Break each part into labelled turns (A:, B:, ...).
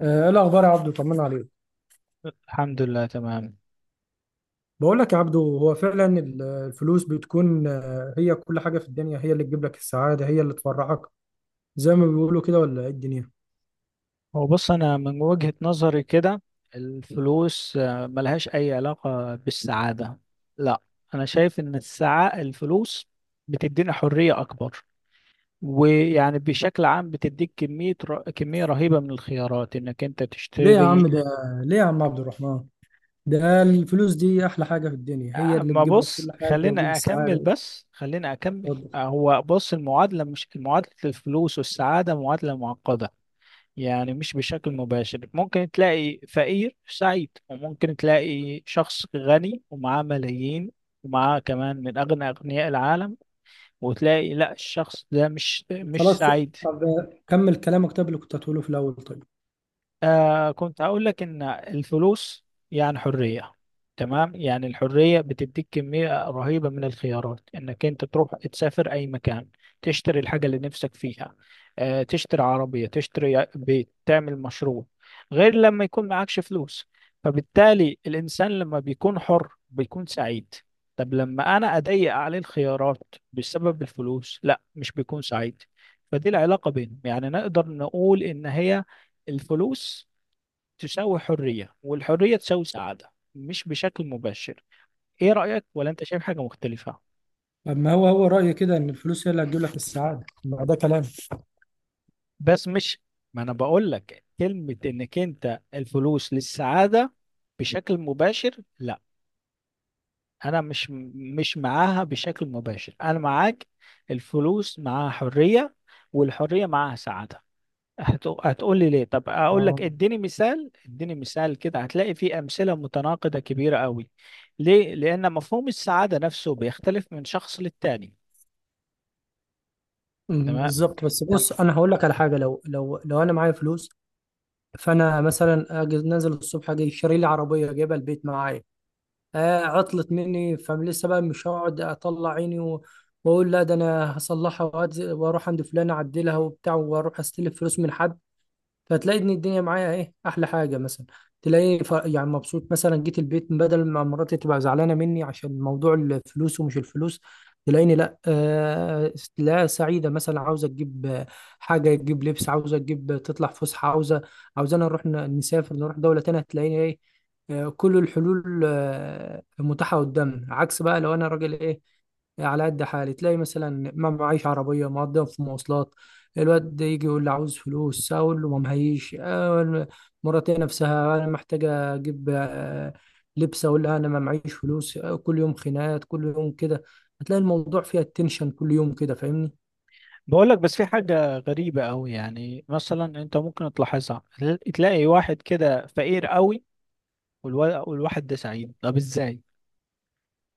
A: ايه الاخبار يا عبدو؟ طمنا عليك.
B: الحمد لله، تمام.
A: بقول لك يا عبدو، هو فعلا الفلوس بتكون، هي كل حاجه في الدنيا، هي اللي تجيب لك السعاده، هي اللي تفرحك، زي ما بيقولوا كده. ولا ايه الدنيا؟
B: هو بص، أنا من وجهة نظري كده، الفلوس ملهاش أي علاقة بالسعادة. لا، أنا شايف إن السعاء الفلوس بتدينا حرية أكبر، ويعني بشكل عام بتديك كمية رهيبة من الخيارات إنك أنت
A: ليه يا
B: تشتري.
A: عم ده ليه يا عم عبد الرحمن؟ ده الفلوس دي احلى حاجه في الدنيا، هي اللي
B: ما
A: تجيب لك
B: بص،
A: كل حاجه وتجيب
B: خلينا أكمل،
A: السعاده.
B: بس خلينا أكمل.
A: وتفضل.
B: هو بص، المعادلة مش معادلة، الفلوس والسعادة معادلة معقدة. يعني مش بشكل مباشر، ممكن تلاقي فقير سعيد، وممكن تلاقي شخص غني ومعاه ملايين، ومعاه كمان من أغنى أغنياء العالم، وتلاقي لا، الشخص ده مش
A: خلاص.
B: سعيد.
A: طب كمل كلامك، طب اللي كنت هتقوله في الاول. طيب،
B: كنت هقول لك ان الفلوس يعني حرية. تمام، يعني الحرية بتديك كمية رهيبة من الخيارات، انك انت تروح تسافر اي مكان، تشتري الحاجة اللي نفسك فيها، تشتري عربية، تشتري بيت، تعمل مشروع، غير لما يكون معكش فلوس. فبالتالي الانسان لما بيكون حر بيكون سعيد. طب لما انا اضيق عليه الخيارات بسبب الفلوس، لا مش بيكون سعيد. فدي العلاقة بينهم، يعني نقدر نقول ان هي الفلوس تساوي حرية، والحرية تساوي سعادة، مش بشكل مباشر. ايه رأيك؟ ولا انت شايف حاجة مختلفة؟
A: اما هو رايي كده ان الفلوس هي اللي هتجيب لك السعاده، ما ده كلام.
B: بس مش، ما انا بقول لك كلمة، انك انت الفلوس للسعادة بشكل مباشر لا، انا مش معاها بشكل مباشر، انا معاك. الفلوس معاها حرية، والحرية معاها سعادة. هتقول لي ليه؟ طب اقول لك،
A: اه.
B: اديني مثال كده، هتلاقي فيه امثله متناقضه كبيره قوي. ليه؟ لان مفهوم السعاده نفسه بيختلف من شخص للتاني. تمام،
A: بالظبط. بس
B: تمام.
A: بص، انا هقول لك على حاجه، لو لو انا معايا فلوس، فانا مثلا اجي نازل الصبح، اجي شاري لي عربيه جايبها البيت معايا. آه، عطلت مني فلسه، بقى مش هقعد اطلع عيني واقول لا، ده انا هصلحها، واروح عند فلان اعدلها وبتاع، واروح استلف فلوس من حد. فتلاقي ان الدنيا معايا، ايه احلى حاجه مثلا؟ يعني مبسوط. مثلا جيت البيت، بدل ما مراتي تبقى زعلانه مني عشان موضوع الفلوس ومش الفلوس، تلاقيني لا، لا سعيده. مثلا عاوزه تجيب حاجه، تجيب لبس، عاوزه تجيب تطلع فسحه، عاوزه نسافر نروح دوله تانية. تلاقيني ايه؟ آه، كل الحلول متاحه قدامنا. عكس بقى لو انا راجل ايه، على قد حالي، تلاقي مثلا ما معيش عربية، مقضيها في مواصلات. الواد ده يجي يقول لي عاوز فلوس، اقول له ما معيش، مراتي نفسها انا محتاجه اجيب لبس، اقول لها انا ما معيش فلوس. كل يوم خناقات، كل يوم كده. هتلاقي الموضوع فيها التنشن كل يوم كده، فاهمني؟
B: بقول لك بس في حاجه غريبه قوي، يعني مثلا انت ممكن تلاحظها، تلاقي واحد كده فقير قوي، والواحد ده سعيد. طب ازاي؟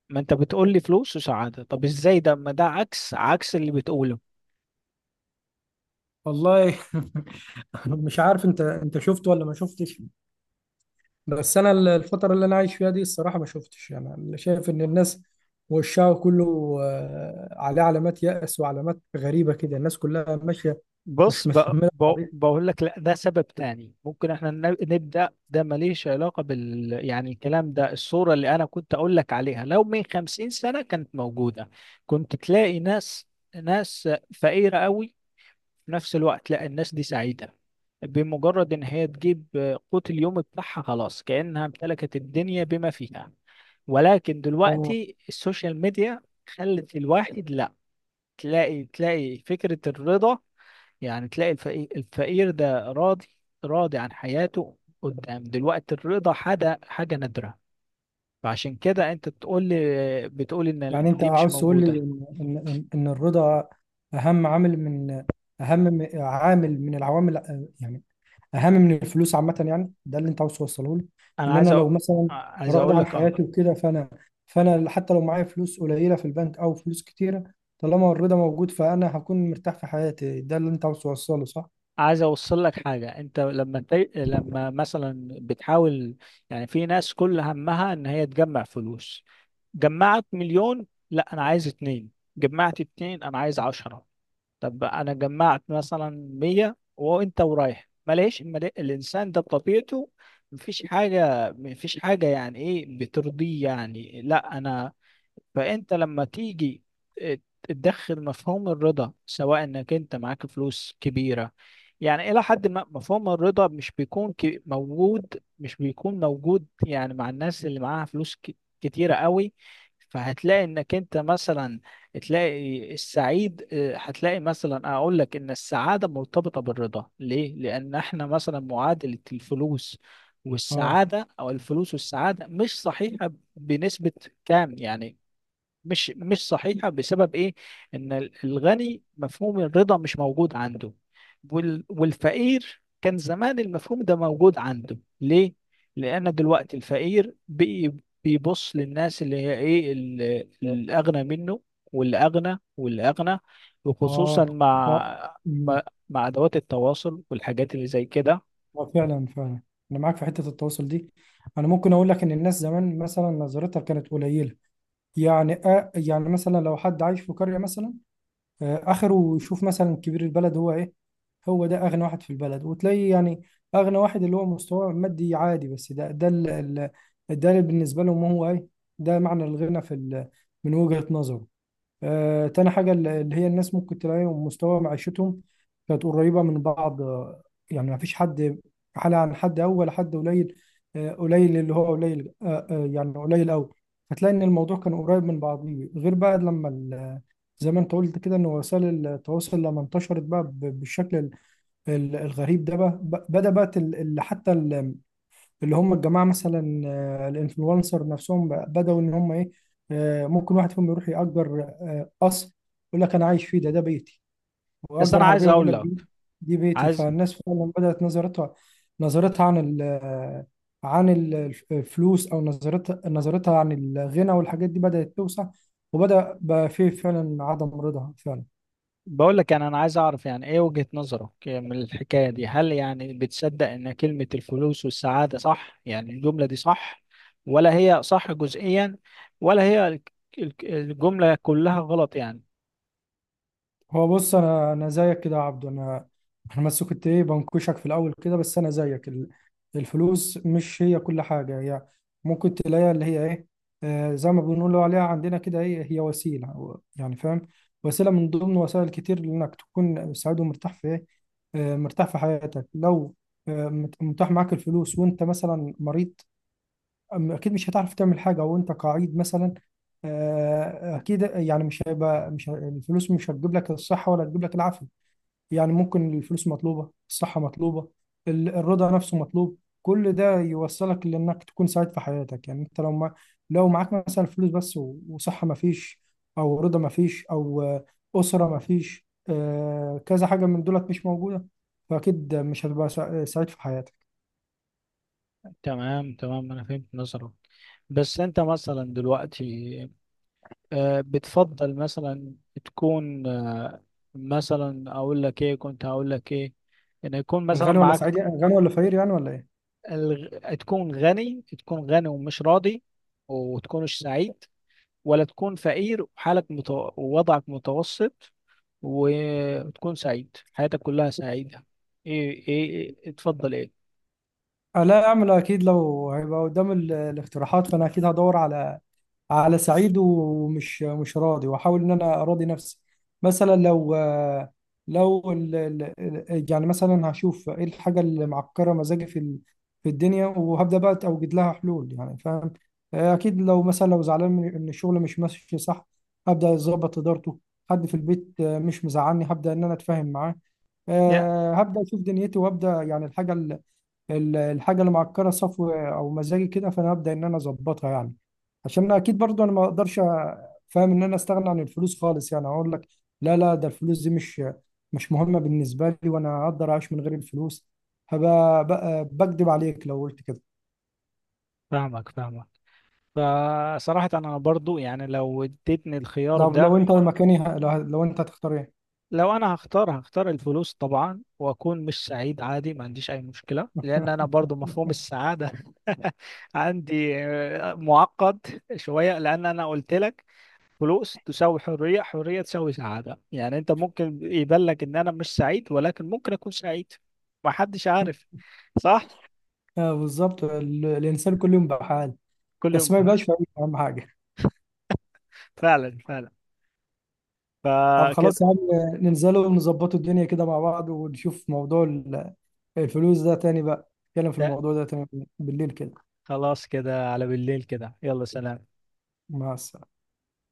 B: ما انت بتقول لي فلوس وسعاده، طب ازاي؟ ده ما ده عكس اللي بتقوله.
A: والله مش عارف انت شفت ولا ما شفتش؟ بس انا الفتره اللي انا عايش فيها دي الصراحه ما شفتش، انا اللي شايف ان الناس وشها كله عليه علامات يأس وعلامات غريبه كده، الناس كلها ماشيه
B: بص،
A: مش متحمله القضيه.
B: بقول لك لا، ده سبب تاني ممكن احنا نبدأ، ده ماليش علاقة يعني، الكلام ده الصورة اللي انا كنت اقول لك عليها، لو من 50 سنة كانت موجودة، كنت تلاقي ناس فقيرة قوي، في نفس الوقت لا، الناس دي سعيدة. بمجرد ان هي تجيب قوت اليوم بتاعها، خلاص كأنها امتلكت الدنيا بما فيها. ولكن
A: آه.
B: دلوقتي السوشيال ميديا خلت الواحد لا، تلاقي فكرة الرضا، يعني تلاقي الفقير ده راضي، راضي عن حياته. قدام دلوقتي الرضا حاجة نادرة، فعشان كده انت بتقول لي، بتقول ان
A: يعني انت
B: دي مش
A: عاوز تقول
B: موجودة.
A: لي ان إن الرضا اهم عامل من العوامل، يعني اهم من الفلوس عامه، يعني ده اللي انت عاوز توصله لي،
B: انا
A: ان انا لو مثلا
B: عايز
A: راضي
B: اقول
A: عن
B: لك، اه،
A: حياتي وكده، فانا فانا حتى لو معايا فلوس قليله في البنك او فلوس كتيره، طالما الرضا موجود، فانا هكون مرتاح في حياتي. ده اللي انت عاوز توصله صح؟
B: عايز اوصل لك حاجة. انت لما لما مثلا بتحاول، يعني في ناس كل همها ان هي تجمع فلوس، جمعت مليون، لا انا عايز اتنين، جمعت اتنين انا عايز 10، طب انا جمعت مثلا 100 وانت ورايح، ما لقيش ما لقي- الانسان ده بطبيعته مفيش حاجه يعني ايه بترضيه، يعني لا، انا، فانت لما تيجي تدخل مفهوم الرضا. سواء انك انت معاك فلوس كبيرة، يعني الى حد ما مفهوم الرضا مش بيكون موجود، يعني مع الناس اللي معاها فلوس كتيرة قوي. فهتلاقي انك انت مثلا تلاقي السعيد، هتلاقي مثلا، اقول لك ان السعادة مرتبطة بالرضا. ليه؟ لان احنا مثلا معادلة الفلوس
A: اه،
B: والسعادة، او الفلوس والسعادة مش صحيحة بنسبة كام يعني. مش صحيحة بسبب ايه؟ ان الغني مفهوم الرضا مش موجود عنده، والفقير كان زمان المفهوم ده موجود عنده. ليه؟ لان دلوقتي الفقير بيبص للناس اللي هي ايه، الاغنى منه، والاغنى والاغنى،
A: اه،
B: وخصوصا
A: اه.
B: مع مع
A: أمم.
B: مع ادوات التواصل والحاجات اللي زي كده.
A: آه، فعلا فعلا، انا معاك في حته التواصل دي. انا ممكن اقول لك ان الناس زمان مثلا نظرتها كانت قليله، يعني يعني مثلا لو حد عايش في قرية مثلا، آخره يشوف مثلا كبير البلد هو إيه، هو ده أغنى واحد في البلد. وتلاقي يعني أغنى واحد اللي هو مستواه مادي عادي، بس ده اللي بالنسبة لهم هو إيه، ده معنى الغنى من وجهة نظره. تاني حاجة اللي هي الناس ممكن تلاقيهم مستوى معيشتهم كانت قريبة من بعض، يعني ما فيش حد حالة عن حد أول، ولا حد قليل، قليل اللي هو قليل، يعني قليل أوي. فتلاقي إن الموضوع كان قريب من بعضيه، غير بقى لما زي ما أنت قلت كده، إن وسائل التواصل لما انتشرت بقى بالشكل الغريب ده، بقى بدأ بقى اللي هم الجماعه مثلا، الانفلونسر نفسهم بداوا ان هم ايه، ممكن واحد فيهم يروح يأجر قصر، يقول لك انا عايش فيه، ده بيتي،
B: بس
A: ويأجر
B: انا عايز
A: عربيه ويقول
B: اقول
A: لك
B: لك،
A: دي بيتي.
B: عايز
A: فالناس فعلا بدأت نظرتها، نظرتها عن ال آه، عن ال- الفلوس، او نظرتها عن الغنى، والحاجات دي بدأت توسع، وبدأ بقى فيه فعلا عدم رضا فعلا.
B: بقول لك، يعني انا عايز اعرف يعني ايه وجهة نظرك من الحكاية دي. هل يعني بتصدق ان كلمة الفلوس والسعادة صح؟ يعني الجملة دي صح، ولا هي صح جزئيا، ولا هي الجملة كلها غلط يعني؟
A: هو بص، انا زيك كده يا عبدو، انا بس كنت ايه بنكشك في الاول كده. بس انا زيك، الفلوس مش هي كل حاجه، هي ممكن تلاقيها اللي هي ايه، زي ما بنقولوا عليها عندنا كده، ايه هي، وسيله يعني فاهم، وسيله من ضمن وسائل كتير لانك تكون سعيد ومرتاح في ايه، مرتاح في حياتك. لو متاح معاك الفلوس وانت مثلا مريض، اكيد مش هتعرف تعمل حاجه وانت قاعد مثلا. اكيد يعني مش هيبقى، مش ه- الفلوس مش هتجيب لك الصحه ولا هتجيب لك العافيه. يعني ممكن الفلوس مطلوبه، الصحه مطلوبه، الرضا نفسه مطلوب، كل ده يوصلك لانك تكون سعيد في حياتك. يعني انت لو ما لو معاك مثلا فلوس بس، وصحه ما فيش، او رضا ما فيش، او اسره ما فيش، كذا حاجه من دولت مش موجوده، فاكيد مش هتبقى سعيد في حياتك.
B: تمام، تمام، انا فهمت نظرك. بس انت مثلا دلوقتي بتفضل مثلا تكون، مثلا اقول لك ايه، كنت هقول لك ايه، ان يكون مثلا
A: غني ولا
B: معاك،
A: سعيد يعني، غني ولا فقير يعني، ولا ايه؟
B: تكون غني ومش راضي وتكونش سعيد، ولا تكون فقير ووضعك متوسط وتكون سعيد حياتك كلها سعيدة. ايه، ايه، اتفضل ايه.
A: لا، اعمل اكيد لو هيبقى قدام الاقتراحات، فانا اكيد هدور على، على سعيد ومش مش راضي، واحاول ان انا اراضي نفسي. مثلا لو لو يعني مثلا هشوف ايه الحاجه اللي معكره مزاجي في الدنيا، وهبدا بقى اوجد لها حلول، يعني فاهم. اكيد لو مثلا زعلان من ان الشغل مش ماشي صح، هبدا اظبط ادارته. حد في البيت مش مزعلني، هبدا ان انا اتفاهم معاه.
B: يا
A: هبدا اشوف دنيتي وابدا يعني الحاجه، الحاجه اللي معكره صفو او مزاجي كده، فانا هبدا ان انا اظبطها يعني. عشان انا اكيد برضو، انا ما اقدرش فاهم ان انا استغنى عن الفلوس خالص. يعني اقول لك لا، لا، ده الفلوس دي مش مهمه بالنسبه لي، وانا اقدر اعيش من غير الفلوس، هبقى بكدب عليك لو قلت كده.
B: فاهمك فصراحة انا برضو يعني لو اديتني الخيار
A: لو
B: ده،
A: لو انت مكاني، لو انت هتختار ايه؟
B: لو انا هختار الفلوس طبعا، واكون مش سعيد عادي، ما عنديش اي مشكلة، لان انا برضو مفهوم السعادة عندي معقد شوية. لان انا قلت لك فلوس تساوي حرية، حرية تساوي سعادة، يعني انت ممكن يبان لك ان انا مش سعيد، ولكن ممكن اكون سعيد. ما حدش عارف. صح.
A: آه، بالظبط، الانسان كل يوم بحال،
B: كل يوم
A: بس ما
B: فعلا،
A: يبقاش فريق، اهم حاجه.
B: فعلا، فعلا.
A: طب
B: فكده،
A: خلاص يا عم، ننزلوا ونظبطوا الدنيا كده مع بعض، ونشوف موضوع الفلوس ده تاني، بقى نتكلم في
B: ده
A: الموضوع ده تاني بالليل كده.
B: خلاص كده، على بالليل كده، يلا، سلام.
A: مع السلامة.